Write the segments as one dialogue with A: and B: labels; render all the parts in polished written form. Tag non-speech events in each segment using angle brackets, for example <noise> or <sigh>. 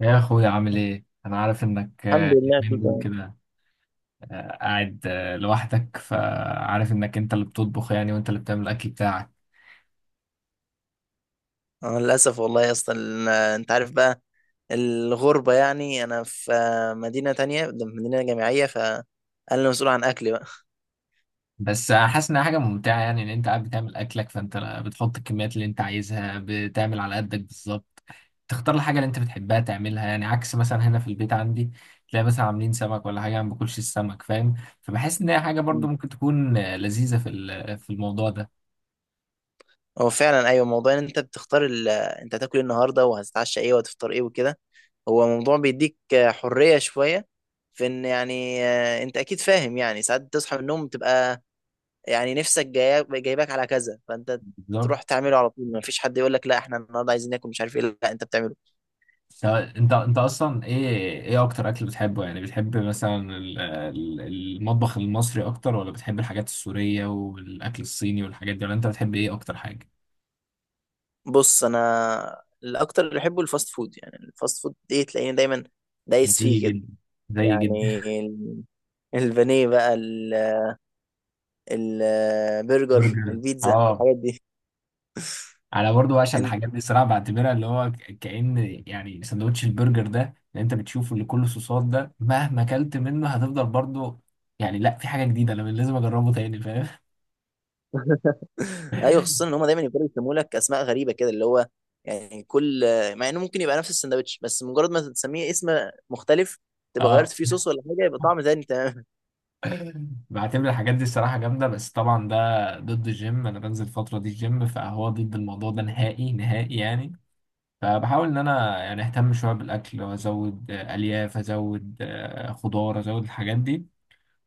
A: يا اخويا عامل ايه؟ انا عارف انك
B: الحمد لله، كله
A: اليومين دول
B: تمام.
A: كده قاعد لوحدك، فعارف انك انت اللي بتطبخ يعني، وانت اللي بتعمل الاكل بتاعك.
B: أنا للأسف والله يا اسطى، أنت عارف بقى الغربة. يعني أنا في مدينة تانية، مدينة جامعية، فأنا اللي مسؤول عن أكلي بقى.
A: بس حاسس انها حاجه ممتعه، يعني ان انت قاعد بتعمل اكلك، فانت بتحط الكميات اللي انت عايزها، بتعمل على قدك بالظبط، تختار الحاجه اللي انت بتحبها تعملها. يعني عكس مثلا هنا في البيت عندي، تلاقي مثلا عاملين سمك ولا حاجه، أنا ما باكلش السمك فاهم. فبحس ان هي حاجه برضو
B: مم.
A: ممكن تكون لذيذه في الموضوع ده.
B: هو فعلا أيوة، موضوع إن أنت بتختار أنت هتاكل إيه النهاردة وهتتعشى إيه وهتفطر إيه وكده. هو موضوع بيديك حرية شوية في إن، يعني أنت أكيد فاهم، يعني ساعات تصحى من النوم تبقى، يعني نفسك جايباك على كذا، فأنت
A: بالظبط.
B: تروح تعمله على طول. مفيش حد يقول لك لا، إحنا النهاردة عايزين ناكل مش عارف إيه. لا أنت بتعمله.
A: طب انت، انت اصلا ايه ايه اكتر اكل بتحبه؟ يعني بتحب مثلا المطبخ المصري اكتر، ولا بتحب الحاجات السورية والاكل الصيني والحاجات دي، ولا انت بتحب ايه اكتر حاجة؟
B: بص، انا الاكتر اللي بحبه الفاست فود، يعني الفاست فود ايه، تلاقيني دايما دايس
A: زي
B: فيه كده.
A: جدا. زي جدا.
B: يعني <laughs> البانيه بقى
A: <laughs>
B: البرجر،
A: برجر،
B: البيتزا،
A: اه.
B: الحاجات دي.
A: انا برضو بعشق
B: انت.
A: الحاجات دي صراحة. بعتبرها اللي هو كأن يعني سندوتش البرجر ده اللي انت بتشوفه اللي كله صوصات ده، مهما اكلت منه هتفضل برضو يعني، لا في حاجة جديدة انا لازم اجربه تاني، فاهم؟
B: <laughs> ايوه، خصوصا ان هم
A: <laughs>
B: دايما يفضلوا يسموا لك اسماء غريبه كده، اللي هو يعني كل، مع انه ممكن يبقى نفس السندوتش، بس مجرد ما تسميه اسم مختلف، تبقى غيرت
A: اه.
B: فيه صوص ولا حاجه، يبقى طعم تاني، تمام.
A: <laughs> بعتبر الحاجات دي الصراحة جامدة، بس طبعا ده ضد الجيم. أنا بنزل الفترة دي الجيم، فهو ضد الموضوع ده نهائي نهائي يعني. فبحاول إن أنا يعني أهتم شوية بالأكل، وأزود ألياف، أزود خضار، أزود الحاجات دي،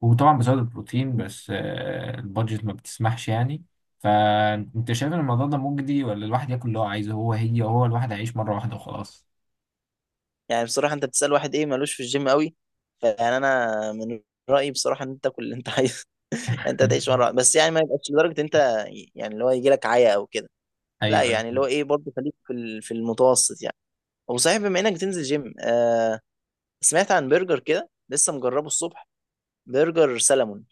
A: وطبعا بزود البروتين،
B: <laughs>
A: بس البادجت ما بتسمحش يعني. فأنت شايف إن الموضوع ده مجدي، ولا الواحد ياكل اللي هو عايزه؟ هو الواحد هيعيش مرة واحدة وخلاص.
B: يعني بصراحة، انت بتسأل واحد ايه مالوش في الجيم قوي. فيعني انا من رأيي بصراحة، ان انت تاكل اللي انت عايزه. <laughs> انت تعيش مرة
A: <laughs>
B: واحدة. بس يعني ما يبقاش لدرجة انت يعني اللي هو يجي لك عيا او كده. لا
A: أيوه أيوه.
B: يعني اللي هو ايه برضه، خليك في في المتوسط يعني. وصحيح، بما انك تنزل جيم، سمعت عن برجر كده لسه مجربه الصبح، برجر سلمون.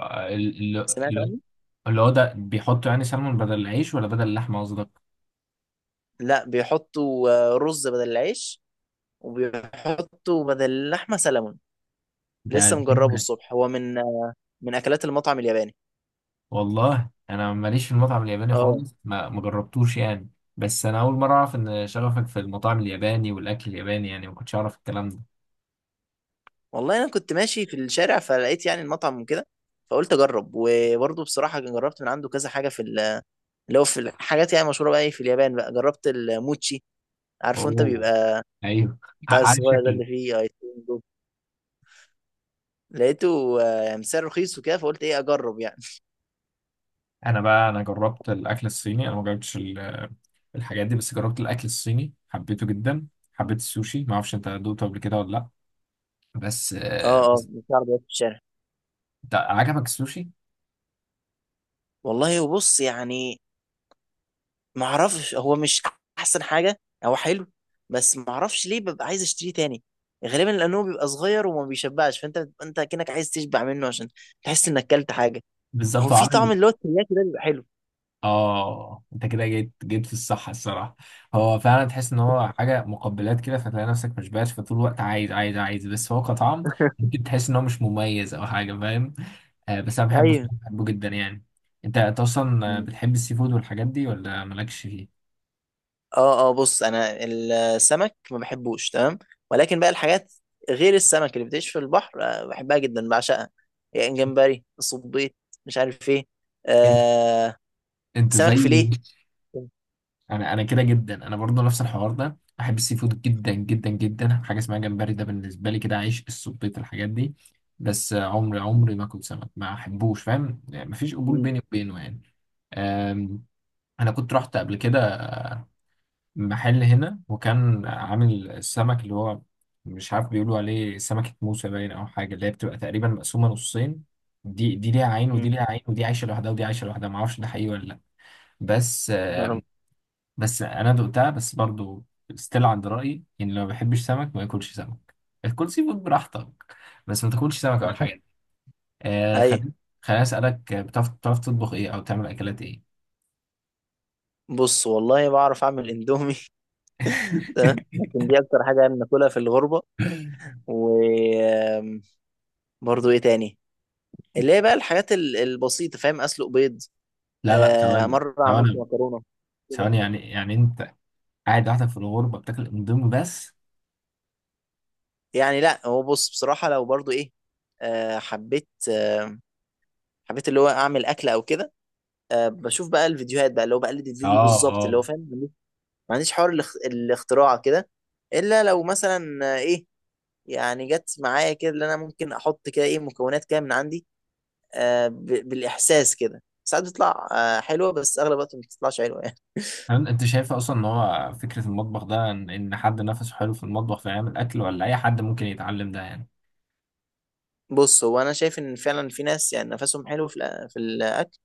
A: آه، ال- ال-
B: سمعت
A: اللي هو
B: عنه.
A: اللي هو ده بيحطوا يعني سلمون بدل العيش، ولا بدل اللحمة قصدك؟
B: لا، بيحطوا رز بدل العيش، وبيحطوا بدل اللحمة سلمون.
A: ده
B: لسه مجربه
A: قديمة.
B: الصبح، هو من اكلات المطعم الياباني.
A: والله انا ماليش في المطعم الياباني
B: اه.
A: خالص، ما جربتوش يعني. بس انا اول مره اعرف ان شغفك في المطاعم الياباني والاكل الياباني، يعني ما كنتش اعرف الكلام ده.
B: والله انا كنت ماشي في الشارع، فلقيت يعني المطعم وكده، فقلت اجرب. وبرضه بصراحه جربت من عنده كذا حاجه في اللي هو، في الحاجات يعني مشهوره بقى إيه في اليابان، بقى جربت الموتشي. عارفه انت،
A: اوه.
B: بيبقى
A: ايوه.
B: بتاع
A: عارف
B: الصغير ده اللي
A: شكلي.
B: فيه ايس كريم ده. لقيته سعر رخيص وكده، فقلت ايه اجرب يعني.
A: انا بقى، انا جربت الاكل الصيني، انا ما جربتش الحاجات دي، بس جربت الاكل الصيني حبيته جدا. حبيت السوشي. ما اعرفش انت دوقته قبل كده ولا لا؟ بس
B: اه، اه، بتاع عربيات في الشارع.
A: ده عجبك السوشي؟
B: والله وبص، يعني ما اعرفش، هو مش احسن حاجه، هو حلو، بس ما اعرفش ليه ببقى عايز اشتريه تاني، غالبا لانه بيبقى صغير وما بيشبعش، فانت بتبقى انت كأنك عايز تشبع منه، عشان تحس انك اكلت حاجه. هو
A: بالظبط
B: في
A: عامل.
B: طعم اللي هو الترياكي ده بيبقى حلو.
A: اه، انت كده جيت في الصح الصراحه. هو فعلا تحس ان هو حاجه مقبلات كده، فتلاقي نفسك مش باش، فطول الوقت عايز، بس هو كطعم
B: <laughs>
A: ممكن تحس ان هو مش مميز او حاجه، فاهم؟ آه، بس انا بحبه
B: ايوه.
A: الصراحة، بحبه جدا يعني. انت اصلا
B: مم.
A: بتحب السي فود والحاجات دي، ولا مالكش فيه؟
B: اه، اه، بص انا السمك ما بحبوش تمام. ولكن بقى الحاجات غير السمك اللي بتعيش في البحر، بحبها جدا، بعشقها. يعني جمبري، صبيط، مش عارف ايه،
A: انت
B: آه
A: انت
B: سمك
A: زي،
B: فيليه.
A: انا كده جدا. انا برضو نفس الحوار ده، بحب السي فود جدا جدا جدا. حاجه اسمها جمبري ده بالنسبه لي كده عيش، السبيط، الحاجات دي. بس عمري ما كنت سمك، ما احبوش فاهم، يعني مفيش قبول
B: مم.
A: بيني وبينه يعني. أم، انا كنت رحت قبل كده محل هنا، وكان عامل السمك اللي هو، مش عارف بيقولوا عليه سمكه موسى باين او حاجه، اللي هي بتبقى تقريبا مقسومه نصين. دي دي ليها عين،
B: مم.
A: ودي ليها عين، ودي عايشه لوحدها، ودي عايشه لوحدها. ما اعرفش ده حقيقي ولا لا، بس
B: نعم.
A: بس انا دقتها، بس برضو ستيل عند رايي. يعني لو ما بيحبش سمك، ما ياكلش سمك. الكل سي فود براحتك، بس ما تاكلش سمك اول حاجه. آه،
B: ايوه.
A: خليني، خليني اسالك بتعرف تطبخ ايه، او تعمل اكلات ايه؟
B: بص، والله بعرف اعمل اندومي. <laughs> تمام،
A: <laughs>
B: لكن دي اكتر حاجه انا باكلها في الغربه. وبرضه ايه تاني، اللي هي بقى الحاجات البسيطه، فاهم، اسلق بيض،
A: لا لا، ثواني
B: مره عملت
A: ثواني
B: مكرونه كده.
A: ثواني يعني يعني انت قاعد لوحدك في الغربه، بتاكل اندومي بس؟
B: يعني لا، هو بص بصراحه، لو برضه ايه، آه حبيت آه حبيت اللي هو اعمل اكل او كده. بشوف بقى الفيديوهات بقى، اللي هو بقلد الفيديو
A: اه
B: بالظبط اللي هو،
A: اه.
B: فاهم. ما عنديش حوار الاختراع كده، الا لو مثلا ايه، يعني جت معايا كده، اللي انا ممكن احط كده ايه مكونات كده من عندي، بالاحساس كده، ساعات بتطلع حلوه، بس اغلب الوقت ما بتطلعش حلوه يعني.
A: هل انت شايف اصلا ان هو فكره المطبخ ده، ان إن حد نفسه حلو في المطبخ فيعمل اكل، ولا اي حد ممكن يتعلم ده يعني؟
B: <laughs> بص هو انا شايف ان فعلا في ناس يعني نفسهم حلو في في الاكل،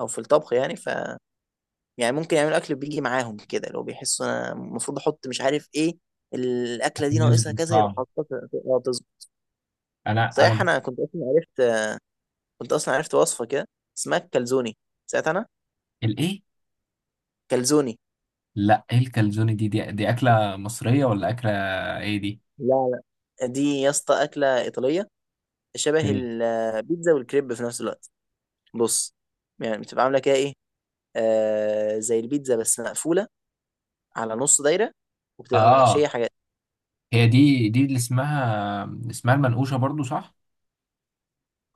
B: او في الطبخ يعني، يعني ممكن يعملوا اكل بيجي معاهم كده، لو بيحسوا انا المفروض احط مش عارف ايه، الاكله دي
A: عشان
B: ناقصها
A: يظبط
B: كذا، يروح
A: طعم.
B: حاططها تظبط.
A: انا انا.
B: صحيح، انا كنت اصلا عرفت وصفه كده، اسمها الكالزوني. ساعتها انا.
A: الايه؟
B: كالزوني.
A: لا، ايه الكالزوني دي, اكله مصريه ولا اكله ايه دي؟
B: لا، لا، دي يا اسطى اكله ايطاليه، شبه
A: اوكي.
B: البيتزا والكريب في نفس الوقت. بص، يعني بتبقى عامله كده ايه، زي البيتزا بس مقفولة على نص دايرة، وبتبقى محشية
A: اه.
B: حاجات.
A: هي دي، دي اللي اسمها المنقوشه برضو صح؟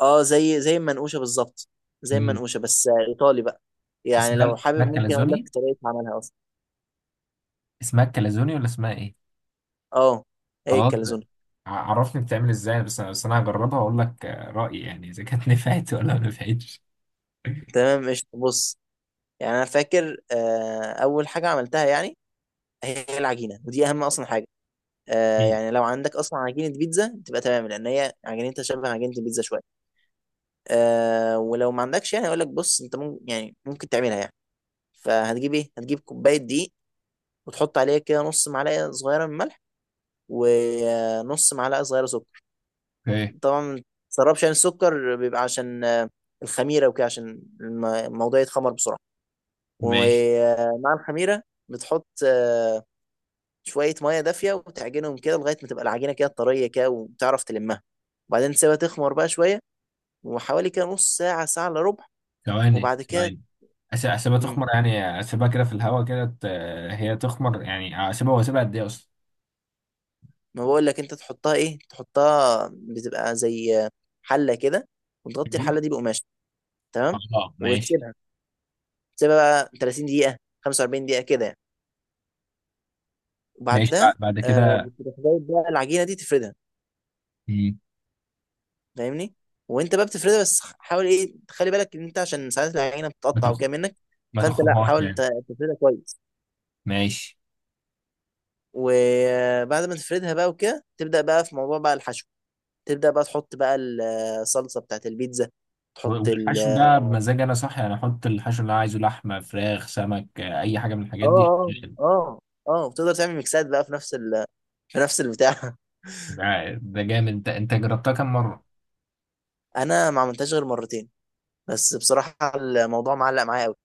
B: اه، زي المنقوشة بالظبط. زي
A: مم.
B: المنقوشة بس ايطالي بقى. يعني
A: اسمها
B: لو
A: اسمها
B: حابب ممكن اقول لك
A: الكالزوني.
B: طريقة عملها اصلا.
A: اسمها الكالزوني ولا اسمها ايه؟
B: اه، هي
A: خلاص.
B: الكاليزون.
A: عرفني بتعمل ازاي، بس انا، بس انا هجربها واقول لك رايي يعني، اذا كانت <laughs> نفعت ولا ما نفعتش.
B: تمام قشطة، بص. يعني انا فاكر، اول حاجة عملتها يعني هي العجينة، ودي اهم اصلا حاجة.
A: أكيد.
B: يعني لو عندك اصلا عجينة بيتزا تبقى تمام، لان هي عجينتها شبه عجينة البيتزا شوية. ولو ما عندكش، يعني اقول لك بص، انت ممكن، يعني ممكن تعملها يعني. فهتجيب ايه، هتجيب كوبايه دقيق، وتحط عليه كده نص معلقه صغيره من ملح، ونص معلقه صغيره سكر.
A: اوكي.
B: طبعا ما تسربش عن السكر، بيبقى عشان الخميره وكده، عشان الموضوع يتخمر بسرعه.
A: ماشي.
B: ومع الخميره بتحط شويه ميه دافيه، وتعجنهم كده لغايه ما تبقى العجينه كده طريه كده، وتعرف تلمها. وبعدين تسيبها تخمر بقى شويه، وحوالي كده نص ساعه، ساعه الا ربع.
A: ثواني
B: وبعد كده.
A: ثواني. اسيبها
B: مم.
A: تخمر، يعني اسيبها كده في الهواء كده هي تخمر، يعني اسيبها واسيبها قد ايه اصلا؟
B: ما بقول لك انت تحطها بتبقى زي حله كده، وتغطي
A: مم.
B: الحله دي بقماش، تمام.
A: اه ماشي.
B: وتسيبها بقى 30 دقيقة، 45 دقيقة كده يعني.
A: ماشي.
B: وبعدها
A: بعد كده؟
B: بتروح جايب بقى العجينة دي تفردها،
A: مم.
B: فاهمني. وانت بقى بتفردها، بس حاول ايه تخلي بالك ان انت، عشان ساعات العجينة
A: ما
B: بتقطع
A: تخ...
B: وكده منك.
A: ما
B: فانت لا،
A: تخرجهاش
B: حاول
A: يعني.
B: تفردها كويس.
A: ماشي.
B: وبعد ما تفردها بقى وكده، تبدأ بقى في موضوع بقى الحشو. تبدأ بقى تحط بقى الصلصة بتاعت البيتزا. تحط ال
A: والحشو
B: اه
A: ده بمزاج انا صح؟ يعني احط الحشو اللي انا عايزه، لحمه، فراخ، سمك، اي حاجه من الحاجات دي
B: اه
A: شغال.
B: اه اه وتقدر تعمل ميكسات بقى في نفس في نفس البتاع.
A: ده ده جامد. انت جربتها كام مره؟
B: <laughs> انا ما عملتهاش غير مرتين، بس بصراحة الموضوع معلق معايا قوي.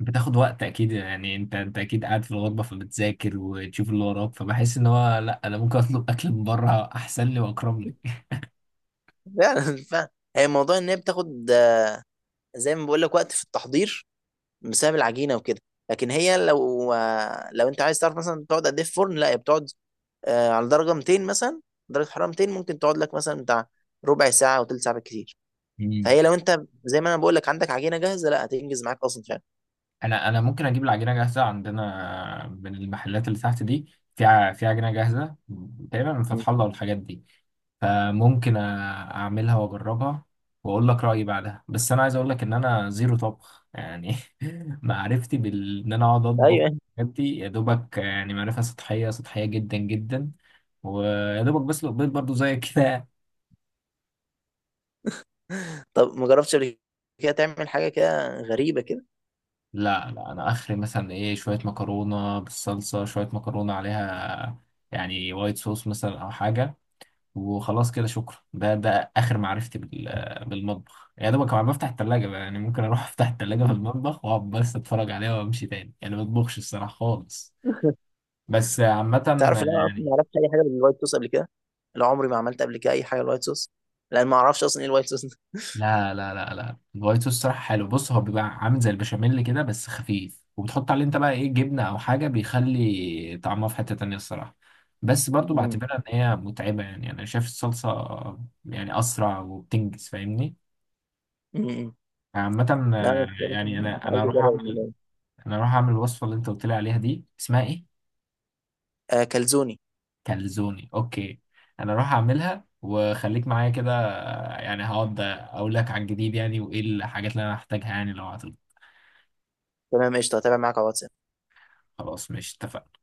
A: بتاخد وقت اكيد يعني. انت اكيد قاعد في الغربه فبتذاكر وتشوف اللي وراك، فبحس ان هو لا انا ممكن اطلب اكل من بره احسن لي واكرم لي.
B: <laughs> فعلا فعلا. هي موضوع ان هي بتاخد، زي ما بقول لك، وقت في التحضير، بسبب العجينة وكده. لكن هي لو انت عايز تعرف مثلا بتقعد قد ايه في فرن، لا هي بتقعد على درجة 200 مثلا، درجة حرارة 200 ممكن تقعد لك مثلا بتاع ربع ساعة او تلت ساعة بالكتير.
A: مم.
B: فهي لو انت زي ما انا بقول لك عندك عجينة جاهزة، لا هتنجز معاك اصلا فعلا.
A: انا ممكن اجيب العجينه جاهزه عندنا من المحلات اللي تحت دي، في في عجينه جاهزه تقريبا من
B: مم.
A: فتح الله والحاجات دي. فممكن اعملها واجربها واقول لك رايي بعدها. بس انا عايز اقول لك ان انا زيرو طبخ يعني. <laughs> معرفتي بال، ان انا اقعد اطبخ
B: ايوه.
A: الحاجات دي، يا دوبك يعني معرفه سطحيه سطحيه جدا جدا. ويا دوبك بسلق بيض برضو زي كده.
B: طب ما جربتش قبل كده تعمل حاجة كده غريبة كده؟
A: لا لا، انا اخري مثلا ايه، شويه مكرونه بالصلصه، شويه مكرونه عليها يعني وايت صوص مثلا او حاجه، وخلاص كده شكرا. ده ده اخر معرفتي بالمطبخ. يا دوبك كمان بفتح التلاجة بقى، يعني ممكن اروح <laughs> افتح التلاجة في المطبخ واقعد بس اتفرج عليها وامشي تاني، يعني ما بطبخش الصراحه خالص. بس عامه،
B: تعرف ان انا اصلا ما
A: يعني
B: عرفتش اي حاجه بالوايت صوص قبل كده. لا، عمري ما عملت قبل كده اي حاجه بالوايت صوص، لان ما اعرفش اصلا ايه الوايت صوص ده.
A: لا، الوايت صوص صراحة حلو. بص هو بيبقى عامل زي البشاميل كده بس خفيف، وبتحط عليه انت بقى ايه جبنة او حاجة، بيخلي طعمها في حتة تانية الصراحة. بس برضو
B: مم.
A: بعتبرها ان هي متعبة، يعني انا شايف الصلصة يعني اسرع وبتنجز، فاهمني؟
B: مم.
A: عامة
B: لا أنا بصراحة
A: يعني انا
B: عايز
A: اروح
B: اجرب
A: اعمل،
B: الموضوع ده.
A: انا اروح اعمل الوصفة اللي انت قلت لي عليها دي، اسمها ايه؟
B: كلزوني.
A: كالزوني. اوكي. انا اروح اعملها وخليك معايا كده، يعني هقعد اقول لك على الجديد يعني، وايه الحاجات اللي انا هحتاجها يعني لو عطلت.
B: تمام قشطه، هتابع معاك على واتساب.
A: خلاص، مش اتفقنا؟